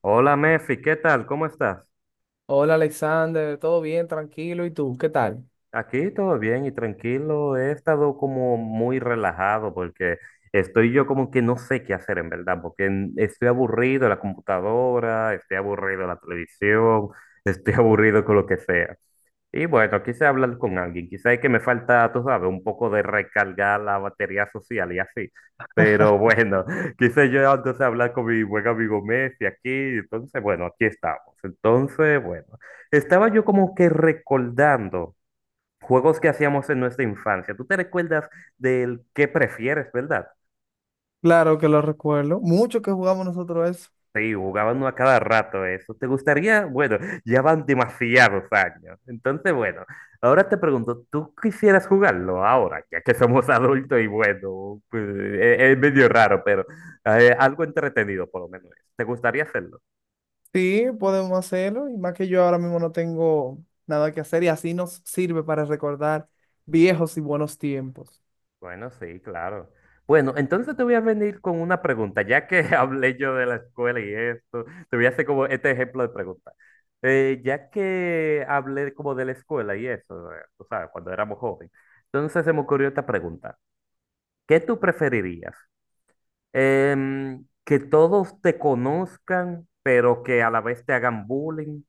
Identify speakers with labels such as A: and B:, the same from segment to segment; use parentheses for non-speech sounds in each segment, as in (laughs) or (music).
A: Hola Mefi, ¿qué tal? ¿Cómo estás?
B: Hola Alexander, todo bien, tranquilo. ¿Y tú? ¿Qué tal?
A: Aquí todo bien y tranquilo. He estado como muy relajado porque estoy yo como que no sé qué hacer en verdad, porque estoy aburrido de la computadora, estoy aburrido de la televisión, estoy (laughs) aburrido con lo que sea. Y bueno, quise hablar con alguien, quizá es que me falta, tú sabes, un poco de recargar la batería social y así. Pero bueno, (laughs) quise yo entonces hablar con mi buen amigo Messi aquí, entonces bueno, aquí estamos. Entonces, bueno, estaba yo como que recordando juegos que hacíamos en nuestra infancia. ¿Tú te recuerdas del qué prefieres, verdad?
B: Claro que lo recuerdo. Mucho que jugamos nosotros eso.
A: Sí, jugaban uno a cada rato eso. ¿Te gustaría? Bueno, ya van demasiados años. Entonces, bueno, ahora te pregunto, ¿tú quisieras jugarlo ahora? Ya que somos (laughs) adultos y bueno, pues, es, medio raro, pero algo entretenido por lo menos. Es. ¿Te gustaría hacerlo?
B: Sí, podemos hacerlo. Y más que yo ahora mismo no tengo nada que hacer y así nos sirve para recordar viejos y buenos tiempos.
A: Bueno, sí, claro. Bueno, entonces te voy a venir con una pregunta, ya que (laughs) hablé yo de la escuela y esto, te voy a hacer como este ejemplo de pregunta. Ya que hablé como de la escuela y eso, tú sabes, cuando éramos jóvenes, entonces se me ocurrió esta pregunta. ¿Qué tú preferirías? ¿Que todos te conozcan, pero que a la vez te hagan bullying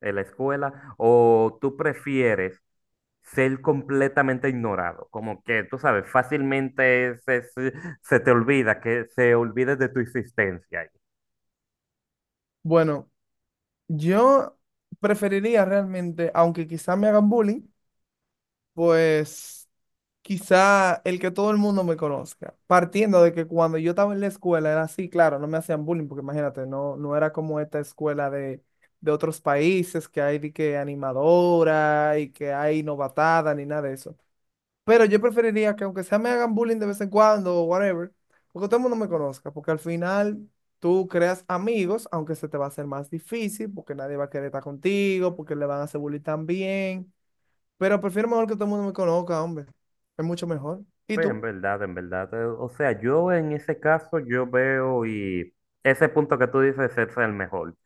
A: en la escuela? ¿O tú prefieres ser completamente ignorado, como que tú sabes, fácilmente se te olvida, que se olvide de tu existencia. Ahí.
B: Bueno, yo preferiría realmente, aunque quizá me hagan bullying, pues quizá el que todo el mundo me conozca, partiendo de que cuando yo estaba en la escuela era así, claro, no me hacían bullying, porque imagínate, no, no era como esta escuela de otros países que hay de que animadora y que hay novatada ni nada de eso. Pero yo preferiría que aunque sea me hagan bullying de vez en cuando o whatever, porque todo el mundo me conozca, porque al final tú creas amigos, aunque se te va a hacer más difícil, porque nadie va a querer estar contigo, porque le van a hacer bullying también. Pero prefiero mejor que todo el mundo me conozca, hombre. Es mucho mejor. ¿Y
A: Sí, en
B: tú?
A: verdad, en verdad. O sea, yo en ese caso, yo veo y ese punto que tú dices es el mejor,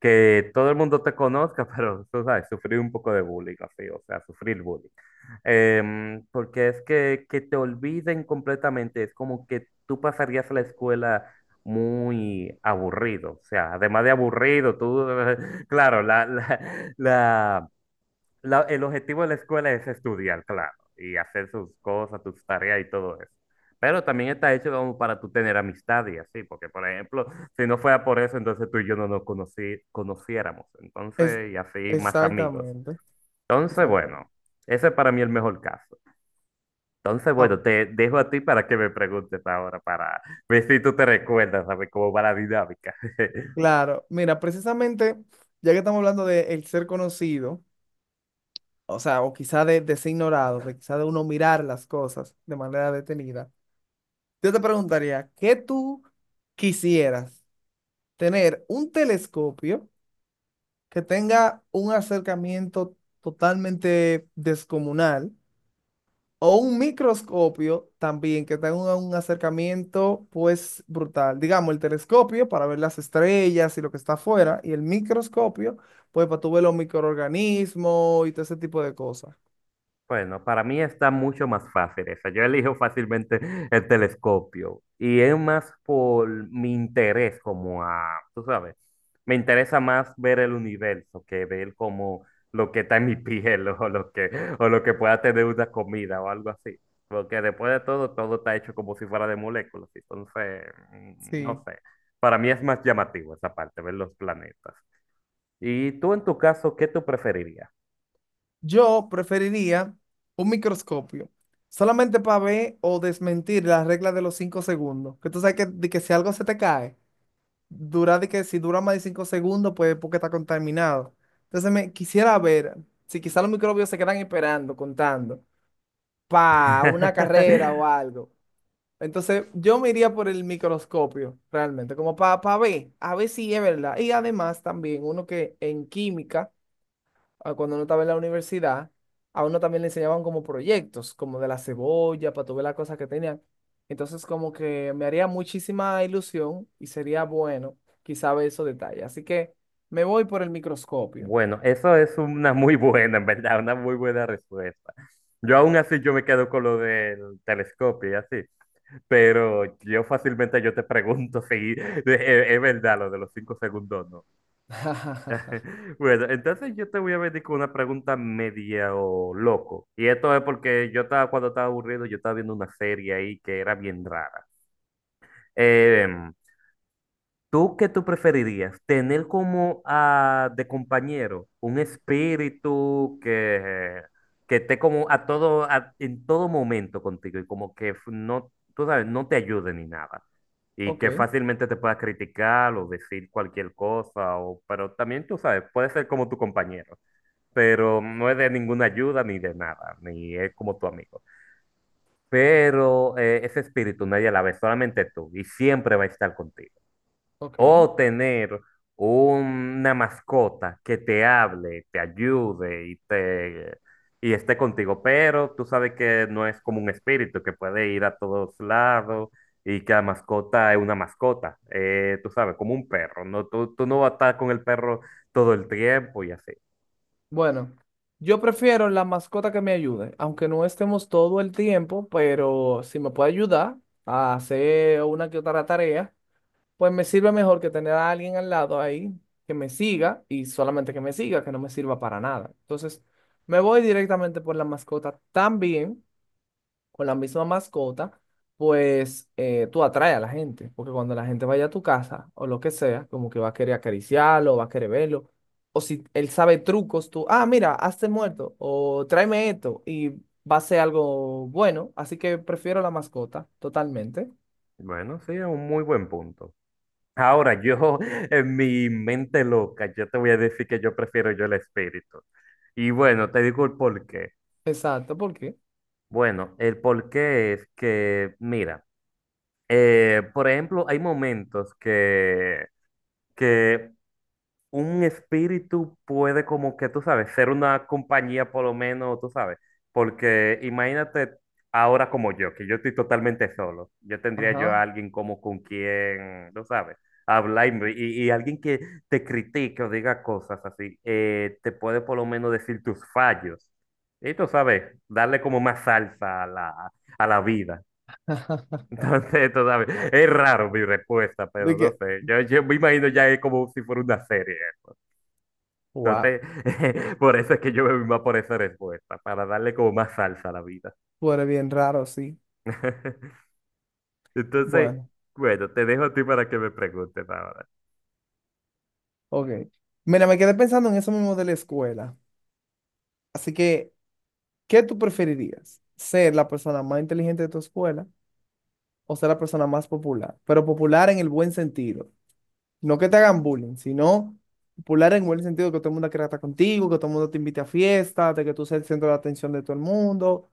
A: que todo el mundo te conozca, (laughs) pero tú sabes, sufrir un poco de bullying, así, o sea, sufrir bullying. Porque es que te olviden completamente, es como que tú pasarías la escuela muy aburrido, o sea, además de aburrido, tú, (laughs) claro, la- el objetivo de la escuela es estudiar, claro, y hacer sus cosas, tus tareas y todo eso. Pero también está hecho como para tú tener amistad y así, porque por ejemplo, si no fuera por eso, entonces tú y yo no nos conociéramos,
B: Es,
A: entonces, y así más amigos.
B: Exactamente,
A: Entonces,
B: exactamente.
A: bueno, ese es para mí el mejor caso. Entonces,
B: Ah,
A: bueno, te dejo a ti para que me preguntes ahora, para ver si tú te recuerdas, ¿sabes cómo va la dinámica? (laughs)
B: claro, mira, precisamente, ya que estamos hablando de el ser conocido, o sea, o quizá de, ser ignorado, de quizá de uno mirar las cosas de manera detenida, yo te preguntaría, ¿qué tú quisieras? ¿Tener un telescopio que tenga un acercamiento totalmente descomunal? O un microscopio también que tenga un acercamiento pues brutal. Digamos, el telescopio para ver las estrellas y lo que está afuera, y el microscopio pues para tú ver los microorganismos y todo ese tipo de cosas.
A: Bueno, para mí está mucho más fácil esa. Yo elijo fácilmente (laughs) el telescopio y es más por mi interés como a, tú sabes, me interesa más ver el universo que ver como lo que está en mi (laughs) piel o lo que pueda tener una comida o algo así. Porque después de todo, todo está hecho como si fuera de moléculas. Entonces, no
B: Sí.
A: sé. Para mí es más llamativo esa parte, ver los planetas. Y tú en tu caso, ¿qué tú preferirías?
B: Yo preferiría un microscopio solamente para ver o desmentir las reglas de los 5 segundos. Que tú sabes que, de que si algo se te cae, dura de que si dura más de 5 segundos, pues porque está contaminado. Entonces me quisiera ver si quizás los microbios se quedan esperando, contando, para una carrera o
A: (laughs)
B: algo. Entonces yo me iría por el microscopio, realmente, como para ver, a ver si es verdad. Y además también uno que en química ah, cuando uno estaba en la universidad, a uno también le enseñaban como proyectos, como de la cebolla, para tú ver las cosas que tenían. Entonces, como que me haría muchísima ilusión y sería bueno quizá ver esos detalles. Así que me voy por el microscopio.
A: Bueno, eso es una muy buena, en verdad, una muy buena respuesta. Yo aún así yo me quedo con lo del telescopio y así, pero yo fácilmente yo te pregunto (laughs) si es verdad lo de los 5 segundos, ¿no?
B: (laughs)
A: (laughs) Bueno, entonces yo te voy a venir con una pregunta media o loco. Y esto es porque yo estaba, cuando estaba aburrido, yo estaba viendo una serie ahí que era bien rara. Em, ¿Tú qué tú preferirías? ¿Tener como ah, de compañero un espíritu que esté como a todo, en todo momento contigo y como que no, tú sabes, no te ayude ni nada? Y
B: Ok,
A: que fácilmente te pueda criticar o decir cualquier cosa, o, pero también tú sabes, puede ser como tu compañero, pero no es de ninguna ayuda ni de nada, ni es como tu amigo. Pero ese espíritu nadie la ve, solamente tú, y siempre va a estar contigo.
B: ok.
A: O tener una mascota que te hable, te ayude y te y esté contigo, pero tú sabes que no es como un espíritu que puede ir a todos lados y que la mascota es una mascota, tú sabes, como un perro, no, tú no vas a estar con el perro todo el tiempo y así.
B: Bueno, yo prefiero la mascota que me ayude, aunque no estemos todo el tiempo, pero si me puede ayudar a hacer una que otra tarea. Pues me sirve mejor que tener a alguien al lado ahí que me siga y solamente que me siga, que no me sirva para nada. Entonces, me voy directamente por la mascota también, con la misma mascota, pues tú atraes a la gente, porque cuando la gente vaya a tu casa o lo que sea, como que va a querer acariciarlo, va a querer verlo, o si él sabe trucos, tú, ah, mira, hazte muerto, o tráeme esto, y va a ser algo bueno, así que prefiero la mascota totalmente.
A: Bueno, sí, es un muy buen punto. Ahora, yo, (laughs) en mi mente loca, yo te voy a decir que yo prefiero yo el espíritu. Y bueno, te digo el porqué.
B: Exacto, ¿por qué?
A: Bueno, el por qué es que, mira, por ejemplo, hay momentos que un espíritu puede como que, tú sabes, ser una compañía por lo menos, tú sabes, porque imagínate ahora como yo, que yo estoy totalmente solo, yo tendría yo
B: Ajá.
A: a alguien como con quien, tú sabes, hablar y alguien que te critique o diga cosas así, te puede por lo menos decir tus fallos. Y tú sabes, darle como más salsa a a la vida.
B: (laughs)
A: (laughs) Entonces, tú sabes, es raro mi respuesta,
B: De
A: pero no
B: que,
A: sé, yo me imagino ya es como si fuera una serie. ¿No?
B: wow,
A: Entonces, (laughs) por eso es que yo me voy más por esa respuesta, para darle como más salsa a la vida.
B: tú eres bien raro, sí.
A: (laughs) Entonces,
B: Bueno,
A: bueno, te dejo a ti para que me preguntes ahora.
B: ok. Mira, me quedé pensando en eso mismo de la escuela. Así que, ¿qué tú preferirías? ¿Ser la persona más inteligente de tu escuela o ser la persona más popular? Pero popular en el buen sentido. No que te hagan bullying, sino popular en el buen sentido, que todo el mundo quiera estar contigo, que todo el mundo te invite a fiestas, de que tú seas el centro de atención de todo el mundo,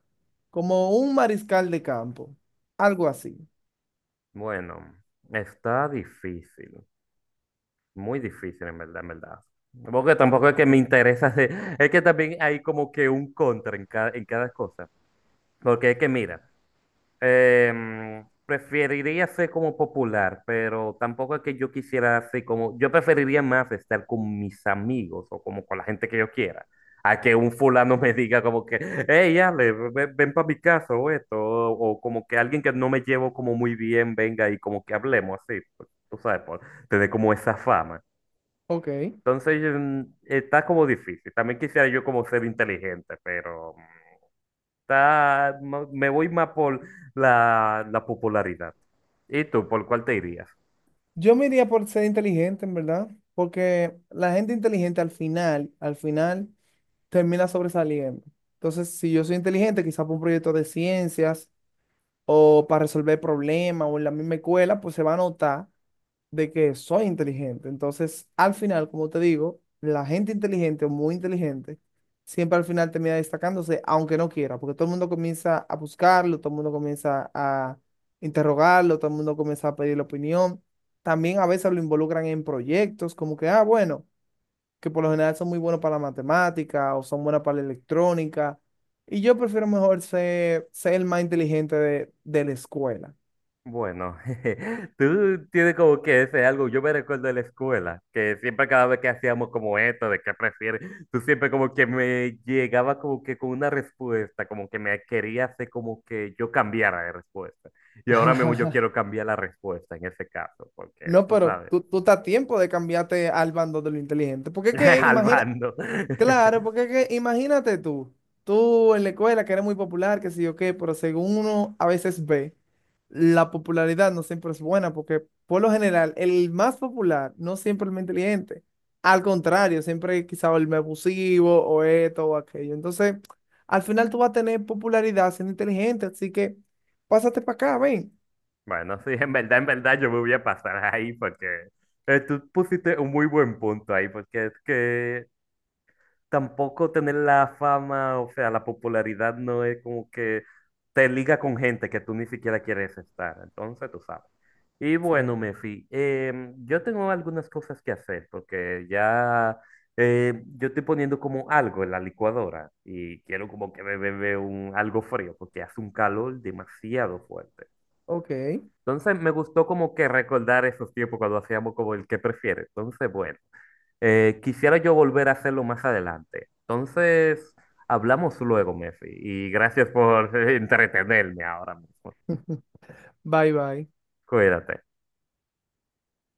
B: como un mariscal de campo, algo así.
A: Bueno, está difícil, muy difícil en verdad, en verdad. Porque tampoco es que me interesa, (laughs) es que también hay como que un contra en en cada cosa. Porque es que mira, preferiría ser como popular, pero tampoco es que yo quisiera ser como, yo preferiría más estar con mis amigos o como con la gente que yo quiera, a que un fulano (laughs) me diga como que, hey, Ale, ven, para mi casa o esto, o como que alguien que no me llevo como muy bien venga y como que hablemos así, pues, tú sabes, por tener como esa fama.
B: Ok.
A: Entonces, está como difícil. También quisiera yo como ser inteligente, pero... Está, me voy más por la popularidad. ¿Y tú, por cuál te irías?
B: Yo me iría por ser inteligente, en verdad, porque la gente inteligente al final, termina sobresaliendo. Entonces, si yo soy inteligente, quizás por un proyecto de ciencias o para resolver problemas o en la misma escuela, pues se va a notar de que soy inteligente. Entonces, al final, como te digo, la gente inteligente o muy inteligente siempre al final termina destacándose, aunque no quiera, porque todo el mundo comienza a buscarlo, todo el mundo comienza a interrogarlo, todo el mundo comienza a pedirle opinión. También a veces lo involucran en proyectos, como que, ah, bueno que por lo general son muy buenos para la matemática o son buenas para la electrónica. Y yo prefiero mejor ser, el más inteligente de la escuela.
A: Bueno, (laughs) jeje, tú tienes como que ese algo, yo me recuerdo de la escuela, que siempre cada vez que hacíamos como esto, de qué prefieres, tú siempre como que me llegaba como que con una respuesta, como que me quería hacer como que yo cambiara de respuesta. Y ahora mismo yo
B: (laughs)
A: quiero cambiar la respuesta en ese caso, porque
B: No,
A: tú
B: pero
A: sabes,
B: tú estás a tiempo de cambiarte al bando de lo inteligente. Porque es que,
A: (laughs) al
B: imagina,
A: bando.
B: claro,
A: (laughs)
B: porque es que imagínate tú en la escuela que eres muy popular, que sí o qué, pero según uno a veces ve, la popularidad no siempre es buena, porque por lo general el más popular no siempre es el más inteligente. Al contrario, siempre quizá el más abusivo o esto o aquello. Entonces, al final tú vas a tener popularidad siendo inteligente, así que pásate para acá, ven.
A: Bueno, sí, en verdad yo me voy a pasar ahí porque tú pusiste un muy buen punto ahí, porque es que tampoco tener la fama, o sea, la popularidad no es como que te liga con gente que tú ni siquiera quieres estar, entonces tú sabes. Y
B: Sí.
A: bueno, Mefi, yo tengo algunas cosas que hacer porque ya yo estoy poniendo como algo en la licuadora y quiero como que me bebe un, algo frío porque hace un calor demasiado fuerte.
B: Ok,
A: Entonces me gustó como que recordar esos tiempos cuando hacíamos como el que prefieres. Entonces, bueno, quisiera yo volver a hacerlo más adelante. Entonces, hablamos luego, Messi, y gracias por (laughs) entretenerme ahora mismo.
B: bye bye.
A: Cuídate.